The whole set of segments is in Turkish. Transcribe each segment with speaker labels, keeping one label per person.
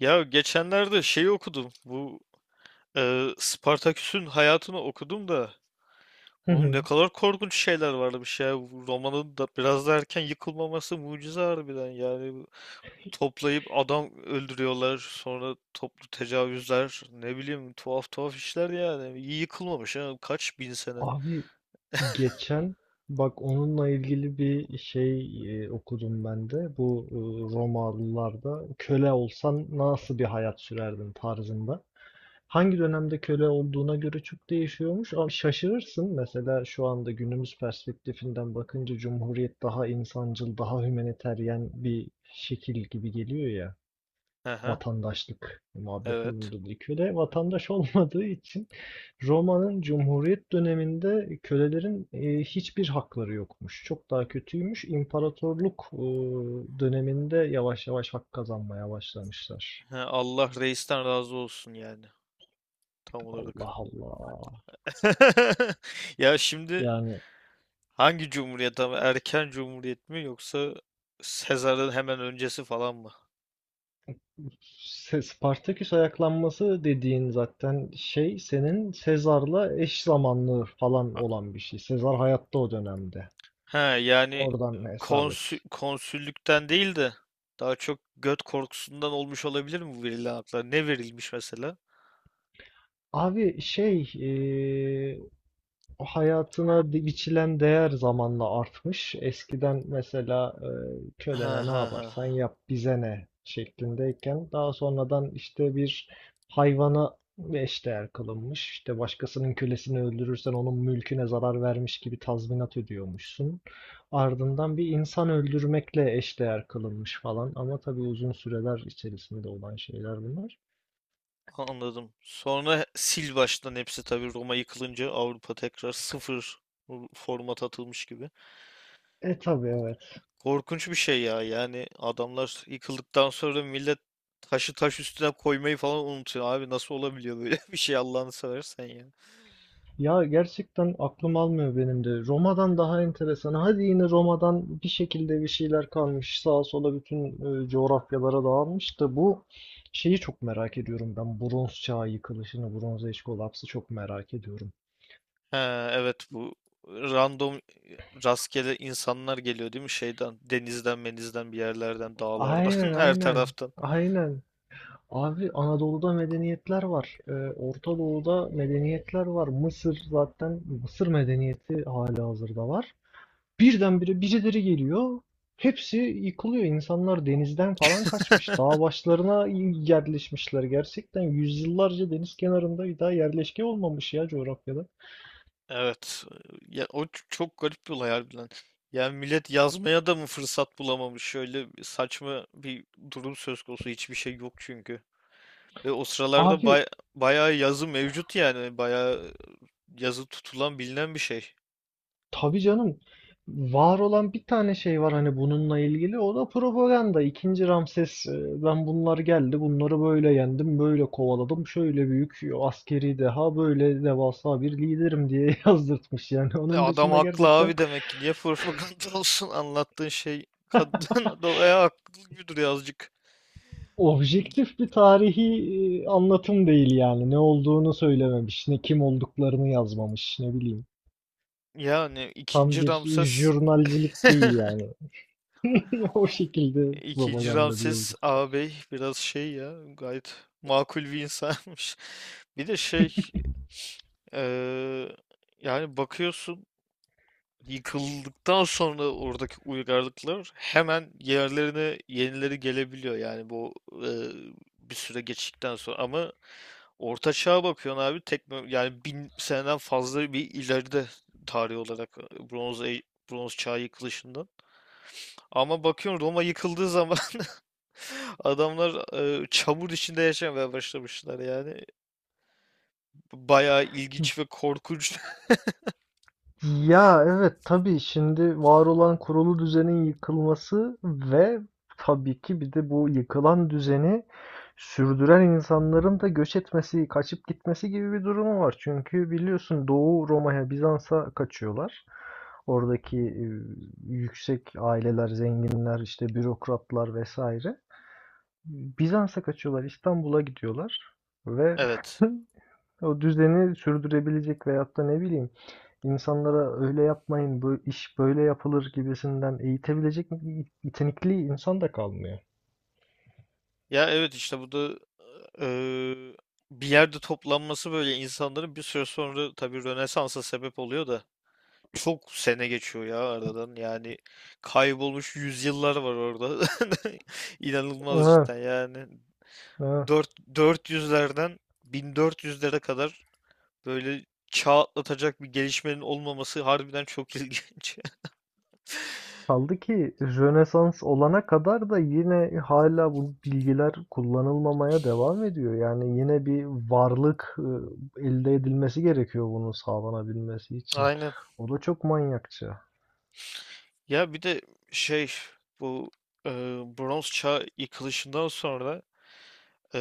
Speaker 1: Ya geçenlerde şeyi okudum. Bu Spartaküs'ün hayatını okudum da.
Speaker 2: Hı
Speaker 1: Oğlum ne
Speaker 2: hı.
Speaker 1: kadar korkunç şeyler varmış ya. Bu romanın da biraz da erken yıkılmaması mucize harbiden. Yani bu toplayıp adam öldürüyorlar. Sonra toplu tecavüzler. Ne bileyim tuhaf tuhaf işler yani. İyi yıkılmamış ha. Kaç bin sene.
Speaker 2: Abi geçen bak onunla ilgili bir şey okudum ben de. Bu Romalılarda köle olsan nasıl bir hayat sürerdin tarzında. Hangi dönemde köle olduğuna göre çok değişiyormuş. Ama şaşırırsın. Mesela şu anda günümüz perspektifinden bakınca Cumhuriyet daha insancıl, daha hümaniteryen bir şekil gibi geliyor ya.
Speaker 1: Aha,
Speaker 2: Vatandaşlık
Speaker 1: evet.
Speaker 2: muhabbetini dedi. Köle vatandaş olmadığı için Roma'nın Cumhuriyet döneminde kölelerin hiçbir hakları yokmuş. Çok daha kötüymüş. İmparatorluk döneminde yavaş yavaş hak kazanmaya başlamışlar.
Speaker 1: Ha, Allah reisten razı olsun yani. Tam
Speaker 2: Allah
Speaker 1: olarak.
Speaker 2: Allah.
Speaker 1: Ya şimdi
Speaker 2: Yani
Speaker 1: hangi cumhuriyet ama erken cumhuriyet mi yoksa Sezar'ın hemen öncesi falan mı?
Speaker 2: Spartaküs ayaklanması dediğin zaten şey senin Sezar'la eş zamanlı falan
Speaker 1: A-
Speaker 2: olan bir şey. Sezar hayatta o dönemde.
Speaker 1: He, yani
Speaker 2: Oradan hesap et.
Speaker 1: konsüllükten değil de daha çok göt korkusundan olmuş olabilir mi bu verilen haklar? Ne verilmiş mesela?
Speaker 2: Abi şey o hayatına biçilen değer zamanla artmış. Eskiden mesela
Speaker 1: Ha
Speaker 2: kölene ne
Speaker 1: ha ha
Speaker 2: yaparsan
Speaker 1: ha.
Speaker 2: yap bize ne şeklindeyken daha sonradan işte bir hayvana eşdeğer kılınmış. İşte başkasının kölesini öldürürsen onun mülküne zarar vermiş gibi tazminat ödüyormuşsun. Ardından bir insan öldürmekle eşdeğer kılınmış falan ama tabii uzun süreler içerisinde olan şeyler bunlar.
Speaker 1: Anladım. Sonra sil baştan hepsi tabii Roma yıkılınca Avrupa tekrar sıfır format atılmış gibi.
Speaker 2: E tabii evet.
Speaker 1: Korkunç bir şey ya. Yani adamlar yıkıldıktan sonra millet taşı taş üstüne koymayı falan unutuyor. Abi nasıl olabiliyor böyle bir şey Allah'ını seversen ya.
Speaker 2: Ya gerçekten aklım almıyor benim de. Roma'dan daha enteresan. Hadi yine Roma'dan bir şekilde bir şeyler kalmış. Sağa sola bütün coğrafyalara dağılmış da bu şeyi çok merak ediyorum ben. Bronz çağı yıkılışını, Bronz Age kolapsı çok merak ediyorum.
Speaker 1: Ha, evet, bu random rastgele insanlar geliyor değil mi? Şeyden, denizden, menizden, bir yerlerden,
Speaker 2: Aynen
Speaker 1: dağlardan, her
Speaker 2: aynen.
Speaker 1: taraftan.
Speaker 2: Aynen. Abi Anadolu'da medeniyetler var. E, Orta Doğu'da medeniyetler var. Mısır zaten Mısır medeniyeti halihazırda var. Birdenbire birileri geliyor. Hepsi yıkılıyor. İnsanlar denizden falan kaçmış. Dağ başlarına yerleşmişler. Gerçekten yüzyıllarca deniz kenarında bir daha yerleşke olmamış ya coğrafyada.
Speaker 1: Evet. Ya, o çok garip bir olay harbiden. Yani millet yazmaya da mı fırsat bulamamış? Şöyle bir saçma bir durum söz konusu. Hiçbir şey yok çünkü. Ve o sıralarda
Speaker 2: Abi
Speaker 1: bayağı yazı mevcut yani. Bayağı yazı tutulan bilinen bir şey.
Speaker 2: tabii canım. Var olan bir tane şey var hani bununla ilgili. O da propaganda. İkinci Ramses, ben bunlar geldi. Bunları böyle yendim. Böyle kovaladım. Şöyle büyük askeri deha, böyle devasa bir liderim diye yazdırtmış yani.
Speaker 1: E,
Speaker 2: Onun
Speaker 1: adam
Speaker 2: dışında
Speaker 1: haklı
Speaker 2: gerçekten
Speaker 1: abi demek ki. Niye propaganda olsun anlattığın şey? Kadın da haklı gibi duruyor azıcık. İ-
Speaker 2: objektif bir tarihi anlatım değil yani. Ne olduğunu söylememiş, ne kim olduklarını yazmamış, ne bileyim.
Speaker 1: Yani
Speaker 2: Tam
Speaker 1: ikinci
Speaker 2: bir
Speaker 1: Ramses
Speaker 2: jurnalcilik değil yani. O şekilde
Speaker 1: İkinci
Speaker 2: propaganda
Speaker 1: Ramses
Speaker 2: diyebiliriz.
Speaker 1: ağabey biraz şey ya gayet makul bir insanmış. Bir de şey eee, yani bakıyorsun yıkıldıktan sonra oradaki uygarlıklar hemen yerlerine yenileri gelebiliyor yani bu eee, bir süre geçtikten sonra ama Orta Çağ'a bakıyorsun abi tekno yani 1000 seneden fazla bir ileride tarih olarak Bronz Çağ yıkılışından. Ama bakıyorsun Roma yıkıldığı zaman, adamlar çamur içinde yaşamaya başlamışlar yani. Bayağı ilginç ve korkunç.
Speaker 2: Ya evet, tabii şimdi var olan kurulu düzenin yıkılması ve tabii ki bir de bu yıkılan düzeni sürdüren insanların da göç etmesi, kaçıp gitmesi gibi bir durumu var. Çünkü biliyorsun Doğu Roma'ya, Bizans'a kaçıyorlar. Oradaki yüksek aileler, zenginler, işte bürokratlar vesaire. Bizans'a kaçıyorlar, İstanbul'a gidiyorlar ve
Speaker 1: Evet.
Speaker 2: o düzeni sürdürebilecek veyahut da ne bileyim, İnsanlara öyle yapmayın, bu iş böyle yapılır gibisinden eğitebilecek yetenekli insan da kalmıyor.
Speaker 1: Ya evet işte bu da e, bir yerde toplanması böyle insanların bir süre sonra tabii Rönesans'a sebep oluyor da çok sene geçiyor ya aradan. Yani kaybolmuş yüzyıllar var orada. İnanılmaz
Speaker 2: Evet,
Speaker 1: cidden yani. dört
Speaker 2: evet.
Speaker 1: dört yüzlerden 1400'lere kadar böyle çağ atlatacak bir gelişmenin olmaması harbiden çok ilginç.
Speaker 2: Kaldı ki Rönesans olana kadar da yine hala bu bilgiler kullanılmamaya devam ediyor. Yani yine bir varlık elde edilmesi gerekiyor bunu sağlanabilmesi için.
Speaker 1: Aynen.
Speaker 2: O da çok manyakça.
Speaker 1: Ya bir de şey bu e, bronz çağ yıkılışından sonra e,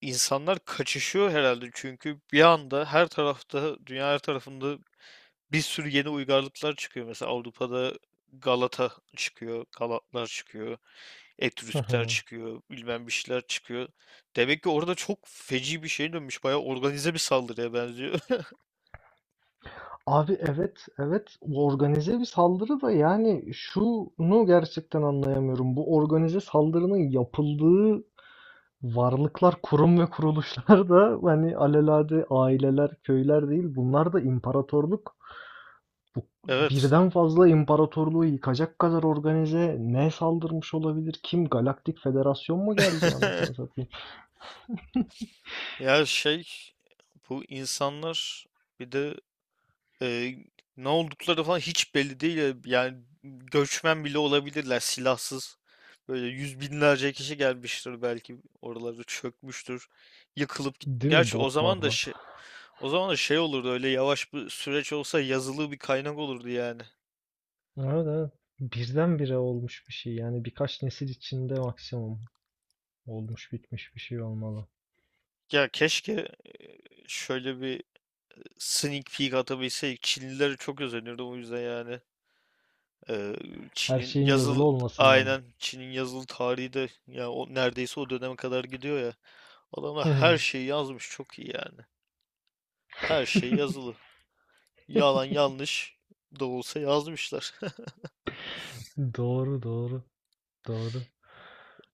Speaker 1: insanlar kaçışıyor herhalde çünkü bir anda her tarafta dünya her tarafında bir sürü yeni uygarlıklar çıkıyor. Mesela Avrupa'da Galata çıkıyor, Galatlar çıkıyor,
Speaker 2: Hı
Speaker 1: Etrüskler
Speaker 2: hı.
Speaker 1: çıkıyor, bilmem bir şeyler çıkıyor. Demek ki orada çok feci bir şey dönmüş. Bayağı organize bir saldırıya benziyor.
Speaker 2: Abi evet evet, organize bir saldırı da yani şunu gerçekten anlayamıyorum. Bu organize saldırının yapıldığı varlıklar, kurum ve kuruluşlar da hani alelade aileler, köyler değil, bunlar da imparatorluk. Bu
Speaker 1: Evet.
Speaker 2: birden fazla imparatorluğu yıkacak kadar organize ne saldırmış olabilir? Kim? Galaktik Federasyon mu geldi anasını satayım?
Speaker 1: Ya şey bu insanlar bir de e, ne oldukları falan hiç belli değil ya. Yani göçmen bile olabilirler silahsız. Böyle yüz binlerce kişi gelmiştir belki oralarda çökmüştür. Yıkılıp git.
Speaker 2: Değil mi
Speaker 1: Gerçi
Speaker 2: botlarla?
Speaker 1: o zaman da şey olurdu öyle yavaş bir süreç olsa yazılı bir kaynak olurdu yani.
Speaker 2: Evet evet. Birdenbire olmuş bir şey yani, birkaç nesil içinde maksimum. Olmuş bitmiş bir şey olmalı.
Speaker 1: Ya keşke e, şöyle bir sneak peek atabilseydik. Çinlilere çok özenirdim o yüzden yani. Eee,
Speaker 2: Her
Speaker 1: Çin'in
Speaker 2: şeyin yazılı
Speaker 1: yazılı
Speaker 2: olmasından mı?
Speaker 1: aynen Çin'in yazılı tarihi de ya o neredeyse o döneme kadar gidiyor ya. Adamlar her şeyi yazmış çok iyi yani. Her şey yazılı. Yalan yanlış da olsa yazmışlar.
Speaker 2: Doğru doğru doğru.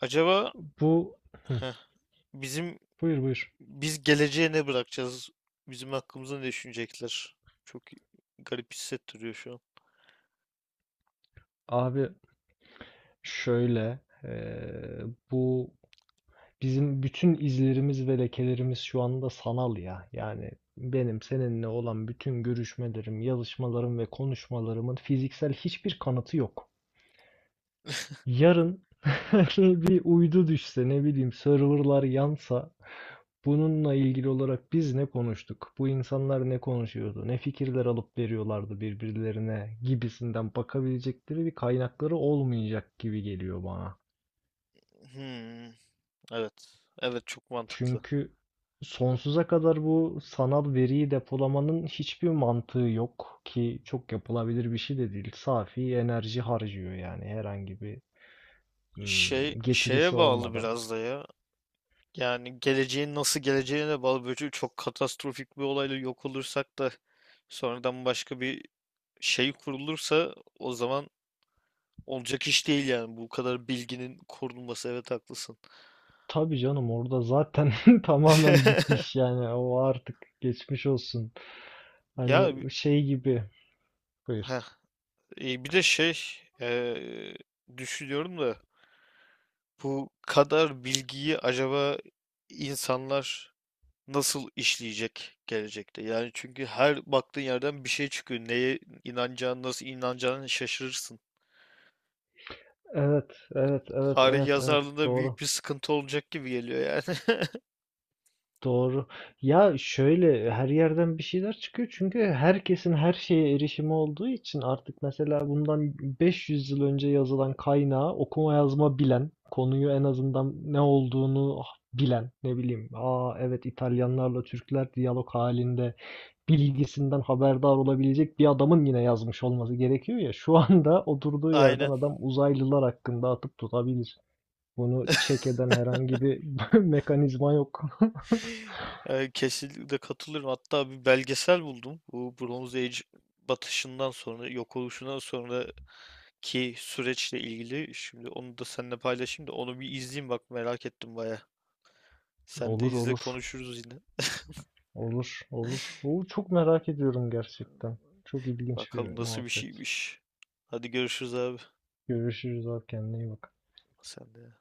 Speaker 1: Acaba
Speaker 2: Bu
Speaker 1: heh, bizim
Speaker 2: buyur buyur.
Speaker 1: biz geleceğe ne bırakacağız? Bizim hakkımızda ne düşünecekler? Çok garip hissettiriyor şu an.
Speaker 2: Abi şöyle, eee, bu bizim bütün izlerimiz ve lekelerimiz şu anda sanal ya. Yani benim seninle olan bütün görüşmelerim, yazışmalarım ve konuşmalarımın fiziksel hiçbir kanıtı yok. Yarın bir uydu düşse, ne bileyim, serverlar yansa, bununla ilgili olarak biz ne konuştuk? Bu insanlar ne konuşuyordu? Ne fikirler alıp veriyorlardı birbirlerine gibisinden bakabilecekleri bir kaynakları olmayacak gibi geliyor bana.
Speaker 1: Hmm, evet. Evet, çok mantıklı.
Speaker 2: Çünkü sonsuza kadar bu sanal veriyi depolamanın hiçbir mantığı yok ki, çok yapılabilir bir şey de değil. Safi enerji harcıyor yani, herhangi bir
Speaker 1: Şey şeye
Speaker 2: getirisi
Speaker 1: bağlı
Speaker 2: olmadan.
Speaker 1: biraz da ya. Yani geleceğin nasıl geleceğine de bağlı. Böyle çok katastrofik bir olayla yok olursak da sonradan başka bir şey kurulursa o zaman olacak iş değil yani. Bu kadar bilginin korunması, evet, haklısın.
Speaker 2: Tabii canım, orada zaten tamamen bitmiş yani, o artık geçmiş olsun.
Speaker 1: Ya
Speaker 2: Hani şey gibi. Buyur.
Speaker 1: heh, bir de şey e, düşünüyorum da bu kadar bilgiyi acaba insanlar nasıl işleyecek gelecekte? Yani çünkü her baktığın yerden bir şey çıkıyor. Neye inanacağını, nasıl inanacağını şaşırırsın.
Speaker 2: Evet, evet, evet,
Speaker 1: Tarih
Speaker 2: evet, evet.
Speaker 1: yazarlığında büyük
Speaker 2: Doğru.
Speaker 1: bir sıkıntı olacak gibi geliyor yani.
Speaker 2: Doğru. Ya şöyle, her yerden bir şeyler çıkıyor çünkü herkesin her şeye erişimi olduğu için artık. Mesela bundan 500 yıl önce yazılan kaynağı okuma yazma bilen, konuyu en azından ne olduğunu bilen, ne bileyim, aa evet İtalyanlarla Türkler diyalog halinde bilgisinden haberdar olabilecek bir adamın yine yazmış olması gerekiyor ya. Şu anda oturduğu yerden
Speaker 1: Aynen.
Speaker 2: adam uzaylılar hakkında atıp tutabilir. Bunu check eden herhangi bir mekanizma yok.
Speaker 1: Yani kesinlikle katılıyorum. Hatta bir belgesel buldum. Bu Bronze Age batışından sonra, yok oluşundan sonraki süreçle ilgili. Şimdi onu da seninle paylaşayım da onu bir izleyeyim, bak, merak ettim baya. Sen de
Speaker 2: Olur
Speaker 1: izle,
Speaker 2: olur.
Speaker 1: konuşuruz yine.
Speaker 2: Olur olur. Oo, çok merak ediyorum gerçekten. Çok ilginç
Speaker 1: Bakalım
Speaker 2: bir
Speaker 1: nasıl bir
Speaker 2: muhabbet.
Speaker 1: şeymiş. Hadi görüşürüz abi.
Speaker 2: Görüşürüz abi, kendine iyi bak.
Speaker 1: Sen de.